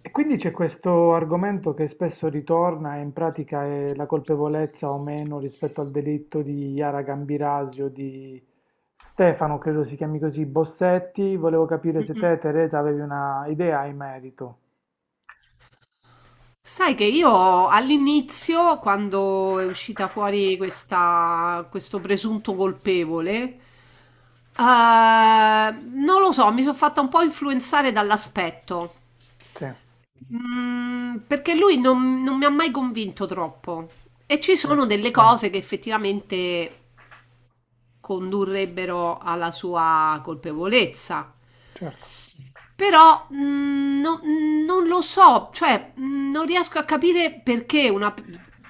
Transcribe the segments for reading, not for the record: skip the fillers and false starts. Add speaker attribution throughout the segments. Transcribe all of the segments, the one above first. Speaker 1: E quindi c'è questo argomento che spesso ritorna e in pratica è la colpevolezza o meno rispetto al delitto di Yara Gambirasio, di Stefano, credo si chiami così, Bossetti. Volevo capire se
Speaker 2: Mm-mm.
Speaker 1: te, Teresa, avevi una idea in merito.
Speaker 2: Sai che io all'inizio, quando è uscita fuori questo presunto colpevole, non lo so, mi sono fatta un po' influenzare dall'aspetto.
Speaker 1: Sì,
Speaker 2: Perché lui non mi ha mai convinto troppo. E ci
Speaker 1: sì,
Speaker 2: sono delle cose che effettivamente condurrebbero alla sua colpevolezza.
Speaker 1: certo.
Speaker 2: Però non lo so, cioè non riesco a capire perché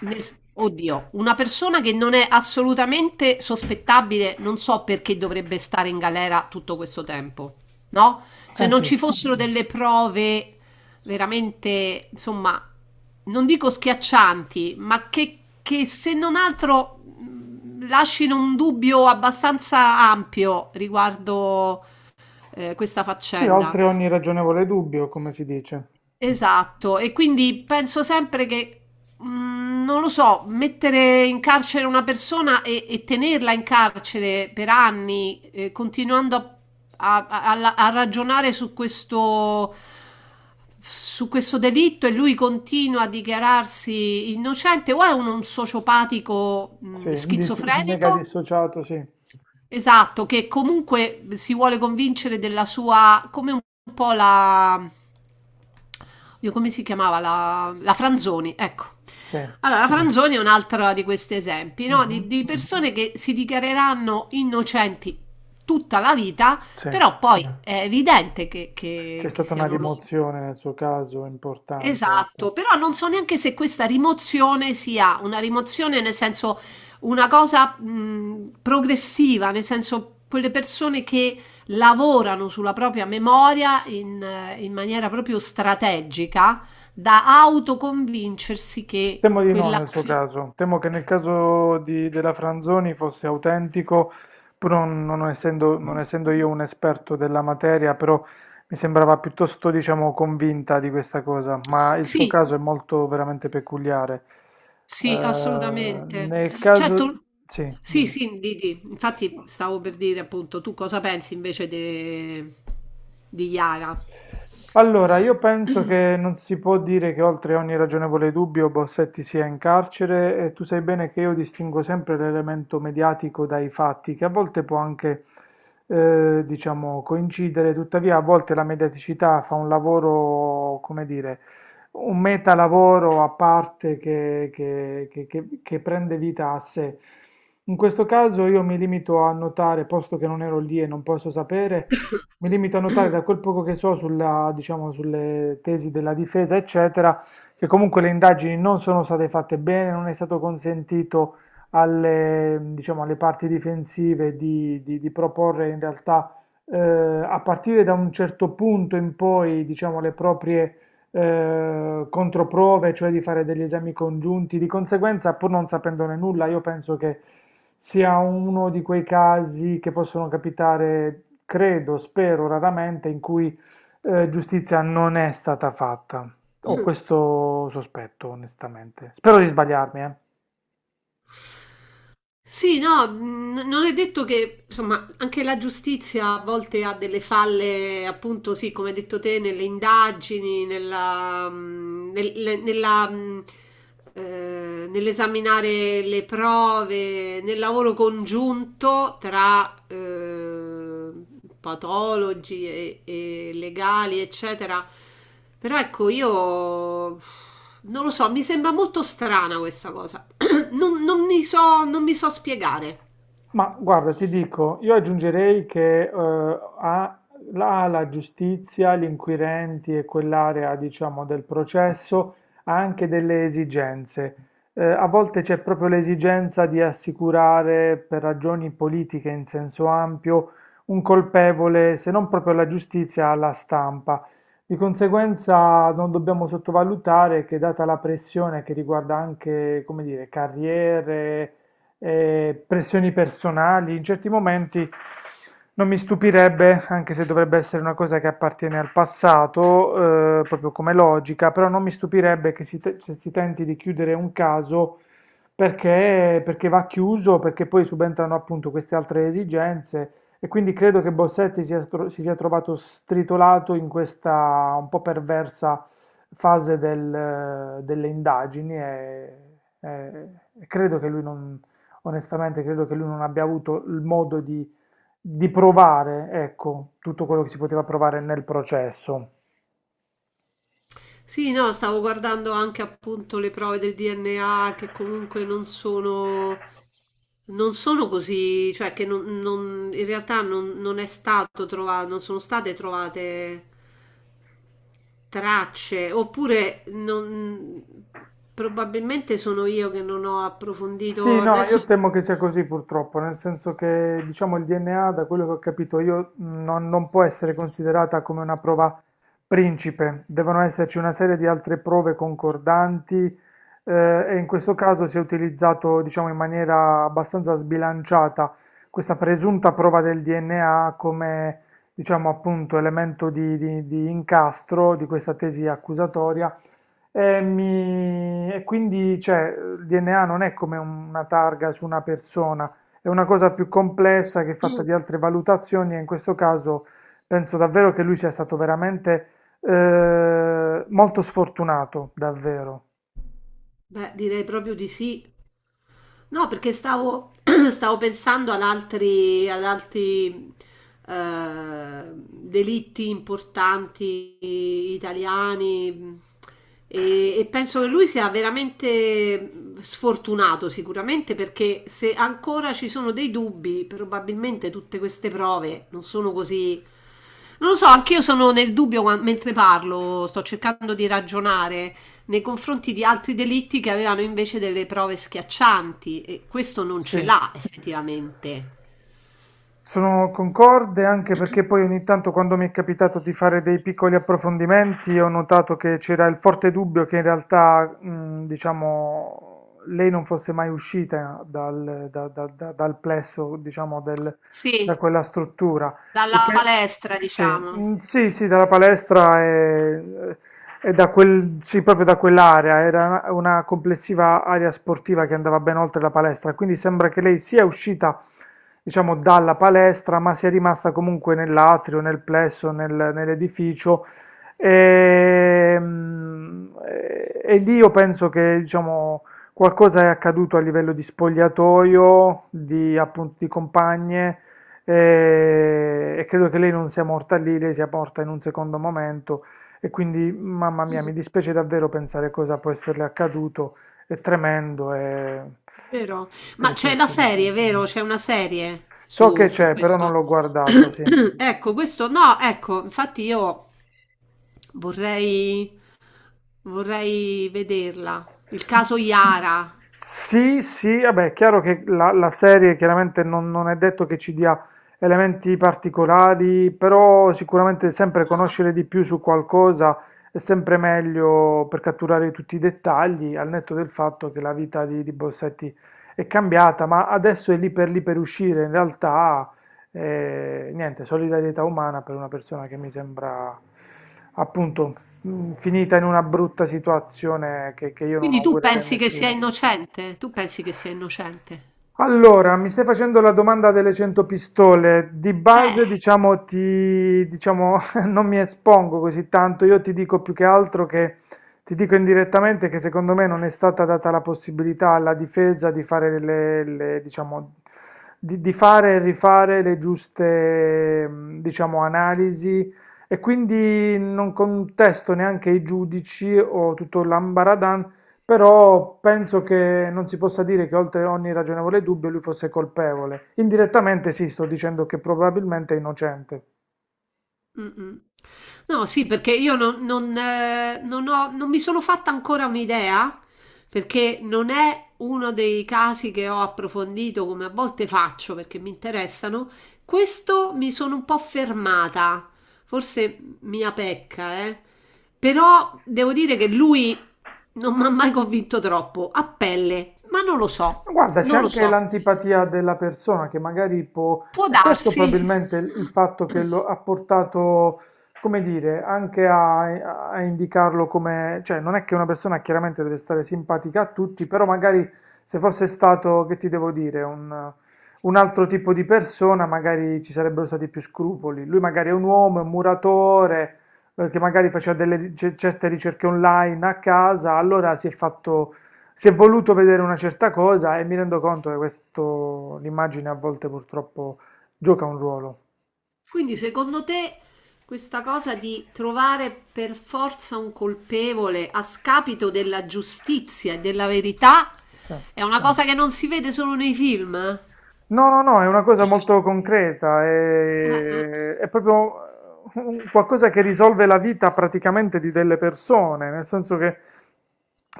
Speaker 2: nel- oddio, una persona che non è assolutamente sospettabile, non so perché dovrebbe stare in galera tutto questo tempo, no? Se
Speaker 1: Eh
Speaker 2: non
Speaker 1: sì,
Speaker 2: ci fossero delle prove veramente, insomma, non dico schiaccianti, ma che se non altro lasciano un dubbio abbastanza ampio riguardo questa
Speaker 1: sì,
Speaker 2: faccenda.
Speaker 1: oltre ogni ragionevole dubbio, come si dice.
Speaker 2: Esatto, e quindi penso sempre che, non lo so, mettere in carcere una persona e tenerla in carcere per anni, continuando a ragionare su questo delitto e lui continua a dichiararsi innocente, o è un sociopatico,
Speaker 1: Sì, mega
Speaker 2: schizofrenico?
Speaker 1: dissociato, sì.
Speaker 2: Esatto, che comunque si vuole convincere della sua, come un po' la, Dio, come si chiamava? La Franzoni, ecco.
Speaker 1: Sì,
Speaker 2: Allora, la Franzoni è un altro di questi esempi, no?
Speaker 1: mhm,
Speaker 2: Di persone che si dichiareranno innocenti tutta la vita,
Speaker 1: sì.
Speaker 2: però poi è evidente
Speaker 1: C'è
Speaker 2: che
Speaker 1: stata una
Speaker 2: siano loro.
Speaker 1: rimozione nel suo caso importante, ecco.
Speaker 2: Esatto, però non so neanche se questa rimozione sia una rimozione nel senso una cosa progressiva, nel senso quelle persone che lavorano sulla propria memoria in maniera proprio strategica da autoconvincersi che
Speaker 1: Temo di no nel suo
Speaker 2: quell'azione...
Speaker 1: caso, temo che nel caso della Franzoni fosse autentico, però non essendo io un esperto della materia, però mi sembrava piuttosto, diciamo, convinta di questa cosa, ma il suo
Speaker 2: Sì,
Speaker 1: caso è molto veramente peculiare. Eh,
Speaker 2: sì, assolutamente.
Speaker 1: Nel caso...
Speaker 2: Certo,
Speaker 1: Sì,
Speaker 2: sì,
Speaker 1: dimmi.
Speaker 2: sì, di. Infatti stavo per dire appunto, tu cosa pensi invece di Yara?
Speaker 1: Allora, io penso che non si può dire che oltre ogni ragionevole dubbio Bossetti sia in carcere, e tu sai bene che io distingo sempre l'elemento mediatico dai fatti, che a volte può anche, diciamo, coincidere; tuttavia a volte la mediaticità fa un lavoro, come dire, un metalavoro a parte che prende vita a sé. In questo caso io mi limito a notare, posto che non ero lì e non posso sapere, mi limito a notare da quel poco che so sulla, diciamo, sulle tesi della difesa, eccetera, che comunque le indagini non sono state fatte bene, non è stato consentito alle, diciamo, alle parti difensive di proporre in realtà a partire da un certo punto in poi, diciamo, le proprie controprove, cioè di fare degli esami congiunti. Di conseguenza, pur non sapendone nulla, io penso che sia uno di quei casi che possono capitare, credo, spero, raramente, in cui giustizia non è stata fatta. Ho
Speaker 2: Mm.
Speaker 1: questo sospetto, onestamente. Spero di sbagliarmi, eh.
Speaker 2: Sì, no, non è detto che, insomma, anche la giustizia a volte ha delle falle, appunto, sì, come hai detto te, nelle indagini, nella, mm, nel- le- nella, mm, nell'esaminare le prove, nel lavoro congiunto tra patologi e legali, eccetera. Però ecco, io non lo so, mi sembra molto strana questa cosa. Non mi so, non mi so spiegare.
Speaker 1: Ma guarda, ti dico, io aggiungerei che ha la, la giustizia, gli inquirenti e quell'area, diciamo, del processo ha anche delle esigenze. A volte c'è proprio l'esigenza di assicurare, per ragioni politiche in senso ampio, un colpevole, se non proprio alla giustizia, alla stampa. Di conseguenza non dobbiamo sottovalutare che, data la pressione che riguarda anche, come dire, carriere, pressioni personali, in certi momenti non mi stupirebbe, anche se dovrebbe essere una cosa che appartiene al passato, proprio come logica, però non mi stupirebbe che se si tenti di chiudere un caso perché, perché va chiuso, perché poi subentrano appunto queste altre esigenze. E quindi credo che si sia trovato stritolato in questa un po' perversa fase del, delle indagini e- e credo che lui non, onestamente credo che lui non abbia avuto il modo di provare, ecco, tutto quello che si poteva provare nel processo.
Speaker 2: Sì, no, stavo guardando anche appunto le prove del DNA che comunque non sono così, cioè che non, non- in realtà non è stato trovato, non sono state trovate tracce, oppure probabilmente sono io che non ho
Speaker 1: Sì,
Speaker 2: approfondito.
Speaker 1: no, io
Speaker 2: Adesso,
Speaker 1: temo che sia così purtroppo, nel senso che diciamo il DNA, da quello che ho capito io, non può essere considerata come una prova principe, devono esserci una serie di altre prove concordanti, e in questo caso si è utilizzato, diciamo, in maniera abbastanza sbilanciata questa presunta prova del DNA come, diciamo, appunto elemento di incastro di questa tesi accusatoria e quindi, cioè, il DNA non è come una targa su una persona, è una cosa più complessa che è fatta di altre valutazioni, e in questo caso penso davvero che lui sia stato veramente molto sfortunato, davvero.
Speaker 2: beh, direi proprio di sì. No, perché stavo pensando ad altri delitti importanti italiani e penso che lui sia veramente sfortunato sicuramente perché se ancora ci sono dei dubbi, probabilmente tutte queste prove non sono così... Non lo so, anch'io sono nel dubbio mentre parlo, sto cercando di ragionare nei confronti di altri delitti che avevano invece delle prove schiaccianti e questo non
Speaker 1: Sì.
Speaker 2: ce l'ha effettivamente.
Speaker 1: Sono concorde anche perché poi ogni tanto quando mi è capitato di fare dei piccoli approfondimenti ho notato che c'era il forte dubbio che in realtà, diciamo, lei non fosse mai uscita dal plesso, diciamo, da
Speaker 2: Sì,
Speaker 1: quella struttura. Il
Speaker 2: dalla
Speaker 1: che-
Speaker 2: palestra,
Speaker 1: sì,
Speaker 2: diciamo.
Speaker 1: mm, sì, sì, dalla palestra e da quel, sì, proprio da quell'area, era una complessiva area sportiva che andava ben oltre la palestra, quindi sembra che lei sia uscita, diciamo, dalla palestra, ma sia rimasta comunque nell'atrio, nel plesso, nell'edificio. E, mm, e lì io penso che, diciamo, qualcosa è accaduto a livello di spogliatoio, di, appunto, di compagne, e credo che lei non sia morta lì, lei sia morta in un secondo momento. E quindi, mamma mia, mi dispiace davvero pensare cosa può esserle accaduto. È tremendo, è
Speaker 2: Vero?
Speaker 1: è
Speaker 2: Ma c'è la
Speaker 1: tristissimo.
Speaker 2: serie, vero? C'è una serie
Speaker 1: So che
Speaker 2: su, su
Speaker 1: c'è, però non
Speaker 2: questo.
Speaker 1: l'ho guardata, sì.
Speaker 2: Ecco, questo no, ecco, infatti io vorrei, vorrei vederla. Il caso Iara.
Speaker 1: Sì, sì, vabbè, è chiaro che la serie chiaramente non è detto che ci dia elementi particolari, però sicuramente sempre conoscere di più su qualcosa è sempre meglio per catturare tutti i dettagli, al netto del fatto che la vita di Bossetti è cambiata, ma adesso è lì per uscire, in realtà, e, niente, solidarietà umana per una persona che mi sembra appunto finita in una brutta situazione che io non
Speaker 2: Quindi tu
Speaker 1: augurerei a
Speaker 2: pensi che sia
Speaker 1: nessuno.
Speaker 2: innocente? Tu pensi che sia innocente?
Speaker 1: Allora, mi stai facendo la domanda delle 100 pistole. Di base,
Speaker 2: Eh.
Speaker 1: diciamo, ti, diciamo, non mi espongo così tanto. Io ti dico più che altro che ti dico indirettamente che secondo me non è stata data la possibilità alla difesa di fare diciamo, di fare e rifare le giuste, mm, diciamo, analisi. E quindi non contesto neanche i giudici o tutto l'ambaradàn, però penso che non si possa dire che oltre ogni ragionevole dubbio lui fosse colpevole. Indirettamente sì, sto dicendo che probabilmente è innocente.
Speaker 2: Mh-mh. No, sì, perché io non mi sono fatta ancora un'idea, perché non è uno dei casi che ho approfondito come a volte faccio perché mi interessano. Questo mi sono un po' fermata, forse mia pecca, eh. Però devo dire che lui non mi ha mai convinto troppo, a pelle, ma non lo so,
Speaker 1: Ma guarda, c'è
Speaker 2: non lo
Speaker 1: anche
Speaker 2: so.
Speaker 1: l'antipatia della persona che magari può,
Speaker 2: Può
Speaker 1: e questo
Speaker 2: darsi.
Speaker 1: probabilmente il fatto che lo ha portato, come dire, anche a indicarlo come, cioè non è che una persona chiaramente deve stare simpatica a tutti, però magari se fosse stato, che ti devo dire, un altro tipo di persona, magari ci sarebbero stati più scrupoli. Lui magari è un uomo, è un muratore, che magari faceva delle certe ricerche online a casa, allora si è voluto vedere una certa cosa e mi rendo conto che questo, l'immagine a volte purtroppo gioca un ruolo.
Speaker 2: Quindi secondo te questa cosa di trovare per forza un colpevole a scapito della giustizia e della verità
Speaker 1: Sì.
Speaker 2: è una cosa che non si vede solo nei film?
Speaker 1: No, no, no, è una cosa molto concreta, è proprio qualcosa che risolve la vita praticamente di delle persone, nel senso che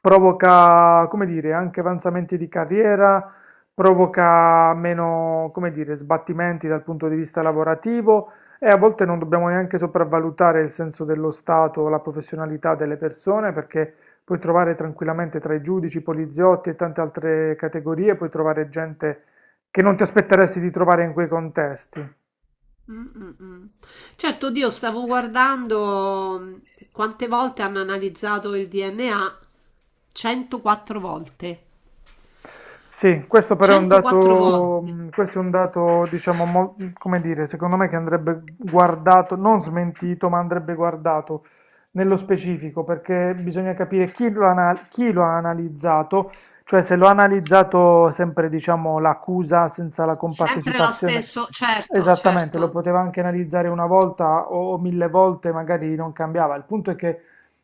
Speaker 1: provoca, come dire, anche avanzamenti di carriera, provoca meno, come dire, sbattimenti dal punto di vista lavorativo, e a volte non dobbiamo neanche sopravvalutare il senso dello Stato o la professionalità delle persone perché puoi trovare tranquillamente tra i giudici, i poliziotti e tante altre categorie, puoi trovare gente che non ti aspetteresti di trovare in quei contesti.
Speaker 2: Mm, mm, mm. Certo, Dio, stavo guardando quante volte hanno analizzato il DNA. 104 volte.
Speaker 1: Sì, questo però è un
Speaker 2: 104
Speaker 1: dato,
Speaker 2: volte.
Speaker 1: questo è un dato, diciamo, come dire, secondo me, che andrebbe guardato, non smentito, ma andrebbe guardato nello specifico, perché bisogna capire chi lo ha analizzato, cioè se lo ha analizzato sempre, diciamo, l'accusa senza la
Speaker 2: Sempre lo
Speaker 1: compartecipazione.
Speaker 2: stesso, certo,
Speaker 1: Esattamente, lo
Speaker 2: certo.
Speaker 1: poteva anche analizzare una volta o 1000 volte, magari non cambiava. Il punto è che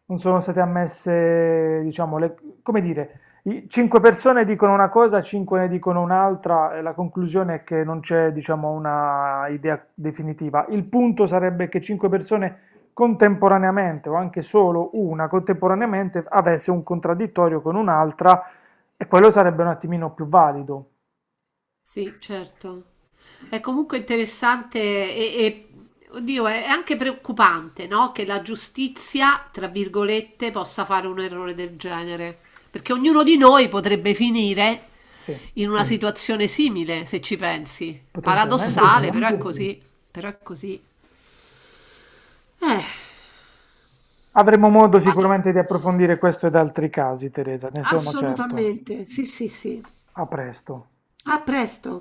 Speaker 1: non sono state ammesse, diciamo, come dire, 5 persone dicono una cosa, 5 ne dicono un'altra, e la conclusione è che non c'è, diciamo, una idea definitiva. Il punto sarebbe che 5 persone contemporaneamente, o anche solo una contemporaneamente, avesse un contraddittorio con un'altra, e quello sarebbe un attimino più valido.
Speaker 2: Sì, certo. È comunque interessante oddio, è anche preoccupante, no? Che la giustizia, tra virgolette, possa fare un errore del genere, perché ognuno di noi potrebbe finire
Speaker 1: Sì,
Speaker 2: in una Mm. situazione simile, se ci pensi.
Speaker 1: potenzialmente sì.
Speaker 2: Paradossale, però è Assolutamente sì. così, però è così. Eh,
Speaker 1: Avremo modo
Speaker 2: ne parli-
Speaker 1: sicuramente di approfondire questo ed altri casi, Teresa, ne sono certo.
Speaker 2: assolutamente, sì, sì, sì.
Speaker 1: A presto.
Speaker 2: A presto.